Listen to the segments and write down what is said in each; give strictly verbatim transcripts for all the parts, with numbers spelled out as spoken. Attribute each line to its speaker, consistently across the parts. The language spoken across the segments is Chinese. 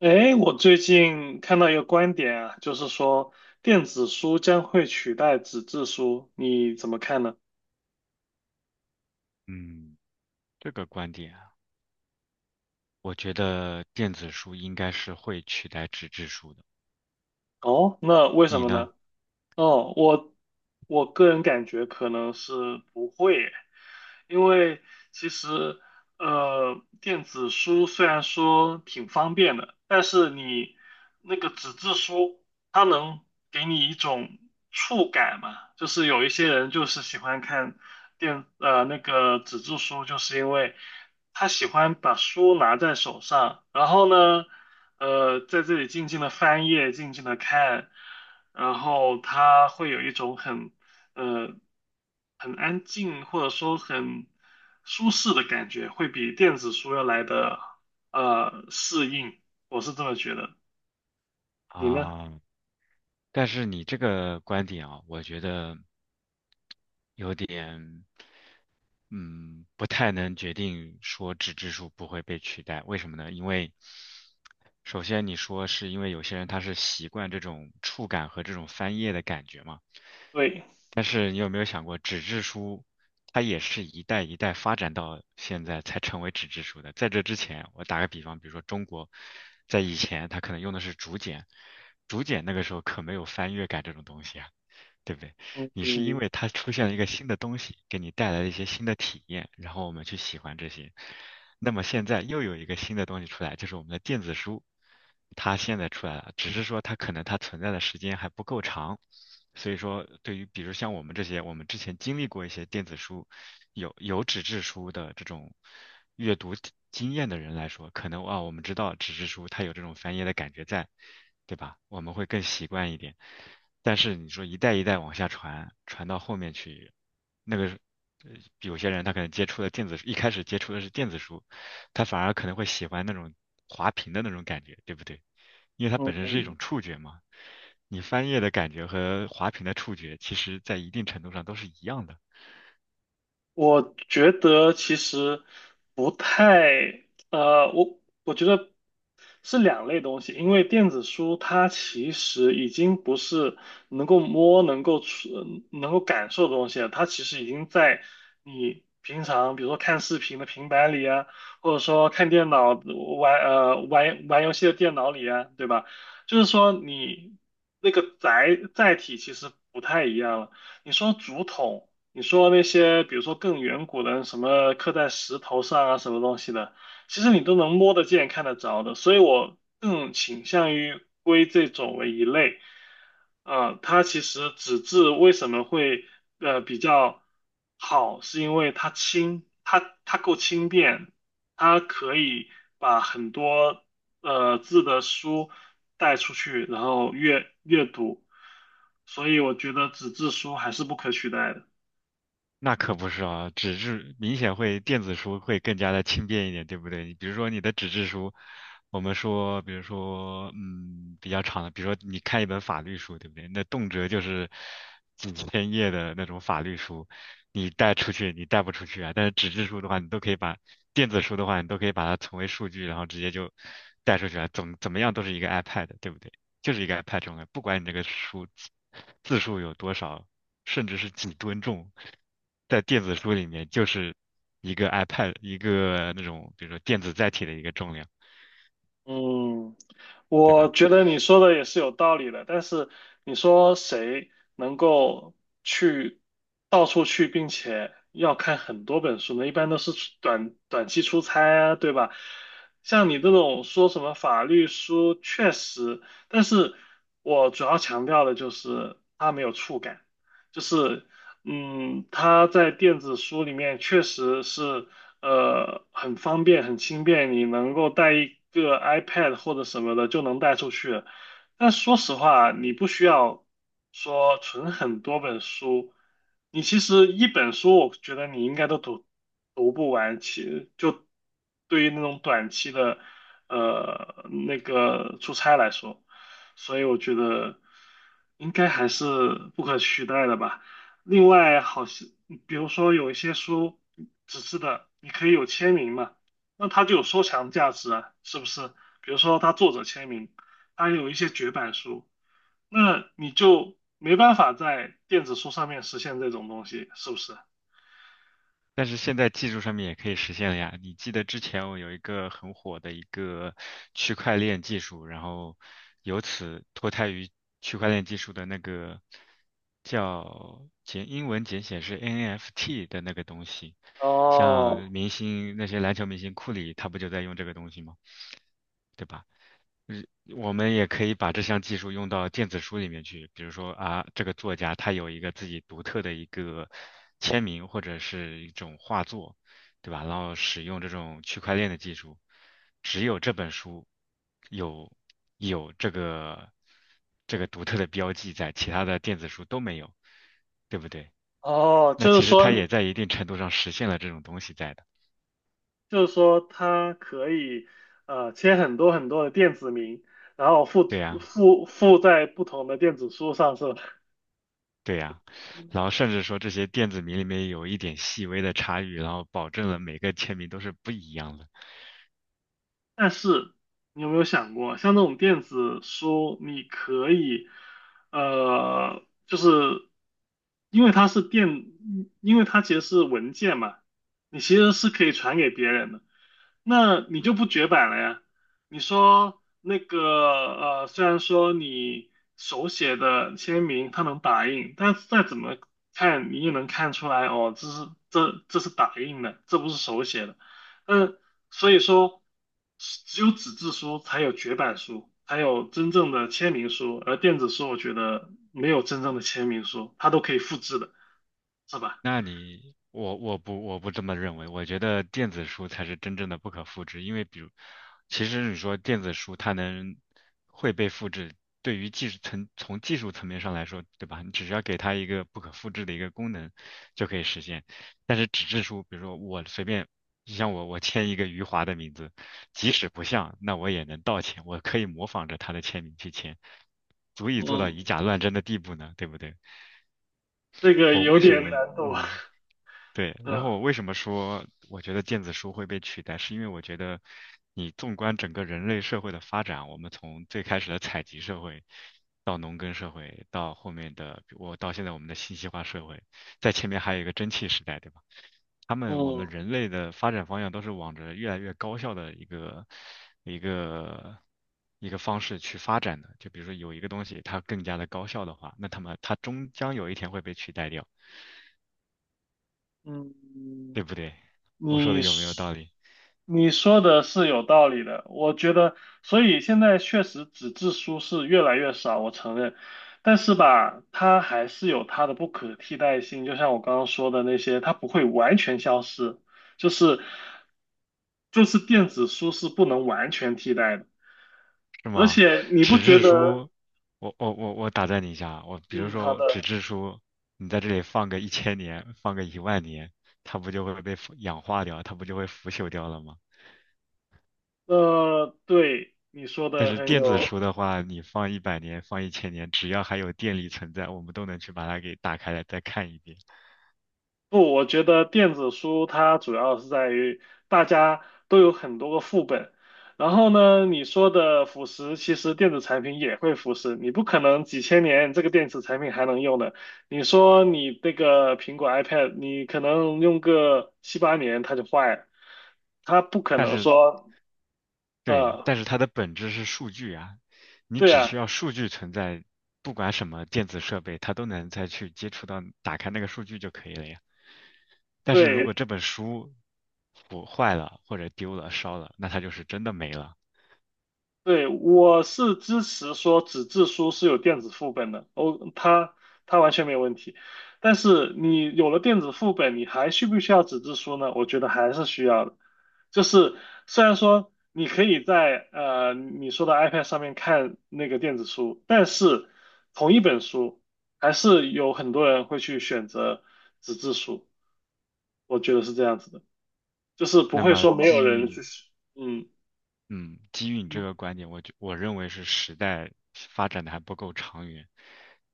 Speaker 1: 哎，我最近看到一个观点啊，就是说电子书将会取代纸质书，你怎么看呢？
Speaker 2: 嗯，这个观点啊，我觉得电子书应该是会取代纸质书的。
Speaker 1: 哦，那为什
Speaker 2: 你
Speaker 1: 么呢？
Speaker 2: 呢？
Speaker 1: 哦，我我个人感觉可能是不会，因为其实呃，电子书虽然说挺方便的，但是你那个纸质书，它能给你一种触感嘛，就是有一些人就是喜欢看电呃那个纸质书，就是因为他喜欢把书拿在手上，然后呢。呃，在这里静静的翻页，静静的看，然后它会有一种很呃很安静或者说很舒适的感觉，会比电子书要来的呃适应，我是这么觉得。你呢？
Speaker 2: 啊，但是你这个观点啊，我觉得有点。嗯，不太能决定说纸质书不会被取代，为什么呢？因为首先你说是因为有些人他是习惯这种触感和这种翻页的感觉嘛，
Speaker 1: 对，
Speaker 2: 但是你有没有想过，纸质书它也是一代一代发展到现在才成为纸质书的。在这之前，我打个比方，比如说中国在以前它可能用的是竹简，竹简那个时候可没有翻页感这种东西啊，对不对？
Speaker 1: 嗯
Speaker 2: 你是因
Speaker 1: 嗯
Speaker 2: 为它出现了一个新的东西，给你带来了一些新的体验，然后我们去喜欢这些。那么现在又有一个新的东西出来，就是我们的电子书，它现在出来了，只是说它可能它存在的时间还不够长，所以说对于比如像我们这些，我们之前经历过一些电子书，有有纸质书的这种阅读体经验的人来说，可能啊我们知道纸质书它有这种翻页的感觉在，对吧？我们会更习惯一点。但是你说一代一代往下传，传到后面去，那个呃有些人他可能接触的电子，一开始接触的是电子书，他反而可能会喜欢那种滑屏的那种感觉，对不对？因为它本身是一
Speaker 1: 嗯，
Speaker 2: 种触觉嘛，你翻页的感觉和滑屏的触觉，其实在一定程度上都是一样的。
Speaker 1: 我觉得其实不太，呃，我我觉得是两类东西，因为电子书它其实已经不是能够摸、能够触、能够感受的东西了，它其实已经在你平常，比如说看视频的平板里啊，或者说看电脑玩呃玩玩游戏的电脑里啊，对吧？就是说你那个载载体其实不太一样了。你说竹筒。你说那些，比如说更远古的什么刻在石头上啊，什么东西的，其实你都能摸得见、看得着的，所以我更倾向于归这种为一类。啊、它其实纸质为什么会呃比较好，是因为它轻，它它够轻便，它可以把很多呃字的书带出去，然后阅阅读，所以我觉得纸质书还是不可取代的。
Speaker 2: 那可不是啊，纸质明显会电子书会更加的轻便一点，对不对？你比如说你的纸质书，我们说，比如说，嗯，比较长的，比如说你看一本法律书，对不对？那动辄就是 几千页的那种法律书，你带出去你带不出去啊。但是纸质书的话，你都可以把电子书的话，你都可以把它存为数据，然后直接就带出去啊，怎么怎么样都是一个 iPad，对不对？就是一个 iPad 重要，不管你这个书字字数有多少，甚至是几吨重，在电子书里面就是一个 iPad 一个那种比如说电子载体的一个重量，
Speaker 1: 嗯，
Speaker 2: 对
Speaker 1: 我
Speaker 2: 吧？
Speaker 1: 觉得你说的也是有道理的，但是你说谁能够去到处去，并且要看很多本书呢？一般都是出短短期出差啊，对吧？像你这种说什么法律书，确实，但是我主要强调的就是它没有触感，就是嗯，它在电子书里面确实是。呃，很方便，很轻便，你能够带一个 iPad 或者什么的就能带出去。但说实话，你不需要说存很多本书，你其实一本书，我觉得你应该都读读不完。其就对于那种短期的呃那个出差来说，所以我觉得应该还是不可取代的吧。另外，好像比如说有一些书纸质的，你可以有签名嘛，那它就有收藏价值啊，是不是？比如说它作者签名，它有一些绝版书，那你就没办法在电子书上面实现这种东西，是不是？
Speaker 2: 但是现在技术上面也可以实现了呀。你记得之前我有一个很火的一个区块链技术，然后由此脱胎于区块链技术的那个叫简英文简写是 N F T 的那个东西，像
Speaker 1: 哦
Speaker 2: 明星那些篮球明星库里，他不就在用这个东西吗？对吧？我们也可以把这项技术用到电子书里面去，比如说啊，这个作家他有一个自己独特的一个签名或者是一种画作，对吧？然后使用这种区块链的技术，只有这本书有有这个这个独特的标记在，其他的电子书都没有，对不对？
Speaker 1: 哦，
Speaker 2: 那
Speaker 1: 就
Speaker 2: 其
Speaker 1: 是
Speaker 2: 实它也
Speaker 1: 说，
Speaker 2: 在一定程度上实现了这种东西在的，
Speaker 1: 就是说，它可以呃签很多很多的电子名，然后附
Speaker 2: 对呀。
Speaker 1: 附附在不同的电子书上，是吧？
Speaker 2: 对呀，然后甚至说这些电子名里面有一点细微的差异，然后保证了每个签名都是不一样的。
Speaker 1: 但是你有没有想过，像这种电子书，你可以，呃，就是因为它是电，因为它其实是文件嘛，你其实是可以传给别人的，那你就不绝版了呀。你说那个，呃，虽然说你手写的签名它能打印，但是再怎么看你也能看出来，哦，这是这这是打印的，这不是手写的。嗯，所以说，只有纸质书才有绝版书，才有真正的签名书，而电子书我觉得没有真正的签名书，它都可以复制的，是吧？
Speaker 2: 那你，我我不我不这么认为，我觉得电子书才是真正的不可复制，因为比如，其实你说电子书它能会被复制，对于技术层从技术层面上来说，对吧？你只需要给它一个不可复制的一个功能就可以实现。但是纸质书，比如说我随便，你像我我签一个余华的名字，即使不像，那我也能盗签，我可以模仿着他的签名去签，足以做到
Speaker 1: 嗯，
Speaker 2: 以假乱真的地步呢，对不对？
Speaker 1: 这个
Speaker 2: 我
Speaker 1: 有
Speaker 2: 为什
Speaker 1: 点
Speaker 2: 么
Speaker 1: 难度。
Speaker 2: 嗯对，然后
Speaker 1: 嗯
Speaker 2: 我为什么说我觉得电子书会被取代，是因为我觉得你纵观整个人类社会的发展，我们从最开始的采集社会，到农耕社会，到后面的我到现在我们的信息化社会，在前面还有一个蒸汽时代，对吧？他们我们
Speaker 1: 嗯
Speaker 2: 人类的发展方向都是往着越来越高效的一个一个一个方式去发展的。就比如说有一个东西它更加的高效的话，那他们它终将有一天会被取代掉，
Speaker 1: 嗯，
Speaker 2: 对不对？我说的
Speaker 1: 你
Speaker 2: 有没有道
Speaker 1: 说
Speaker 2: 理？
Speaker 1: 你说的是有道理的，我觉得，所以现在确实纸质书是越来越少，我承认，但是吧，它还是有它的不可替代性，就像我刚刚说的那些，它不会完全消失，就是就是电子书是不能完全替代的，
Speaker 2: 是
Speaker 1: 而
Speaker 2: 吗？
Speaker 1: 且你不
Speaker 2: 纸
Speaker 1: 觉
Speaker 2: 质
Speaker 1: 得？
Speaker 2: 书，我我我我打断你一下啊，我比如
Speaker 1: 嗯，好
Speaker 2: 说纸
Speaker 1: 的，
Speaker 2: 质书，你在这里放个一千年，放个一万年，它不就会被腐氧化掉，它不就会腐朽掉了吗？
Speaker 1: 呃，对，你说
Speaker 2: 但
Speaker 1: 的
Speaker 2: 是
Speaker 1: 很
Speaker 2: 电子
Speaker 1: 有
Speaker 2: 书的话，你放一百年，放一千年，只要还有电力存在，我们都能去把它给打开来再看一遍。
Speaker 1: 不，我觉得电子书它主要是在于大家都有很多个副本，然后呢，你说的腐蚀，其实电子产品也会腐蚀，你不可能几千年这个电子产品还能用的。你说你那个苹果 iPad，你可能用个七八年它就坏了，它不可
Speaker 2: 但
Speaker 1: 能
Speaker 2: 是
Speaker 1: 说，
Speaker 2: 对，
Speaker 1: 呃，
Speaker 2: 但是它的本质是数据啊，你
Speaker 1: 对
Speaker 2: 只需
Speaker 1: 啊，
Speaker 2: 要数据存在，不管什么电子设备，它都能再去接触到打开那个数据就可以了呀。但是如果
Speaker 1: 对，
Speaker 2: 这本书腐坏了或者丢了、烧了，那它就是真的没了。
Speaker 1: 对，我是支持说纸质书是有电子副本的，哦，它它完全没有问题。但是你有了电子副本，你还需不需要纸质书呢？我觉得还是需要的。就是虽然说你可以在呃你说的 iPad 上面看那个电子书，但是同一本书还是有很多人会去选择纸质书，我觉得是这样子的，就是不
Speaker 2: 那
Speaker 1: 会
Speaker 2: 么
Speaker 1: 说没有
Speaker 2: 基
Speaker 1: 人
Speaker 2: 于
Speaker 1: 去，嗯
Speaker 2: 嗯，基于你这个观点，我觉我认为是时代发展的还不够长远。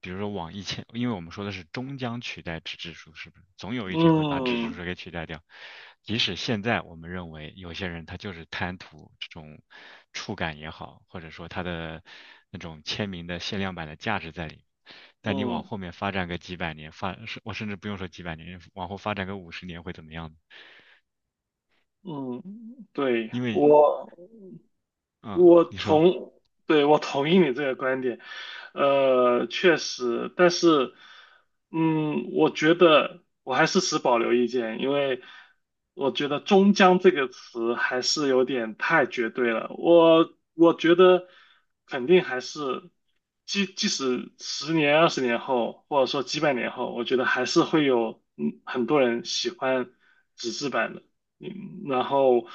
Speaker 2: 比如说往一千，因为我们说的是终将取代纸质书，是不是？总有一天会把纸质
Speaker 1: 嗯
Speaker 2: 书给取代掉。即使现在我们认为有些人他就是贪图这种触感也好，或者说他的那种签名的限量版的价值在里面。但你
Speaker 1: 嗯。
Speaker 2: 往
Speaker 1: 嗯
Speaker 2: 后面发展个几百年，发，是我甚至不用说几百年，往后发展个五十年会怎么样呢
Speaker 1: 嗯，对，
Speaker 2: 因为，
Speaker 1: 我
Speaker 2: 嗯，
Speaker 1: 我
Speaker 2: 你说
Speaker 1: 同，对，我同意你这个观点，呃，确实，但是，嗯，我觉得我还是持保留意见，因为我觉得"终将"这个词还是有点太绝对了。我我觉得肯定还是，即即使十年、二十年后，或者说几百年后，我觉得还是会有嗯很多人喜欢纸质版的。嗯，然后，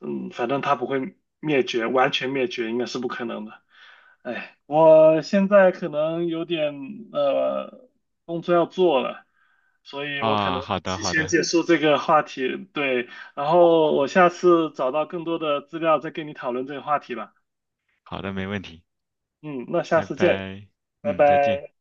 Speaker 1: 嗯，反正它不会灭绝，完全灭绝应该是不可能的。哎，我现在可能有点呃工作要做了，所以我可
Speaker 2: 啊，
Speaker 1: 能
Speaker 2: 好的，
Speaker 1: 提
Speaker 2: 好
Speaker 1: 前
Speaker 2: 的。
Speaker 1: 结束这个话题。对，然后我下次找到更多的资料再跟你讨论这个话题吧。
Speaker 2: 好的，没问题，
Speaker 1: 嗯，那下
Speaker 2: 拜
Speaker 1: 次见，
Speaker 2: 拜，
Speaker 1: 拜
Speaker 2: 嗯，再见。
Speaker 1: 拜。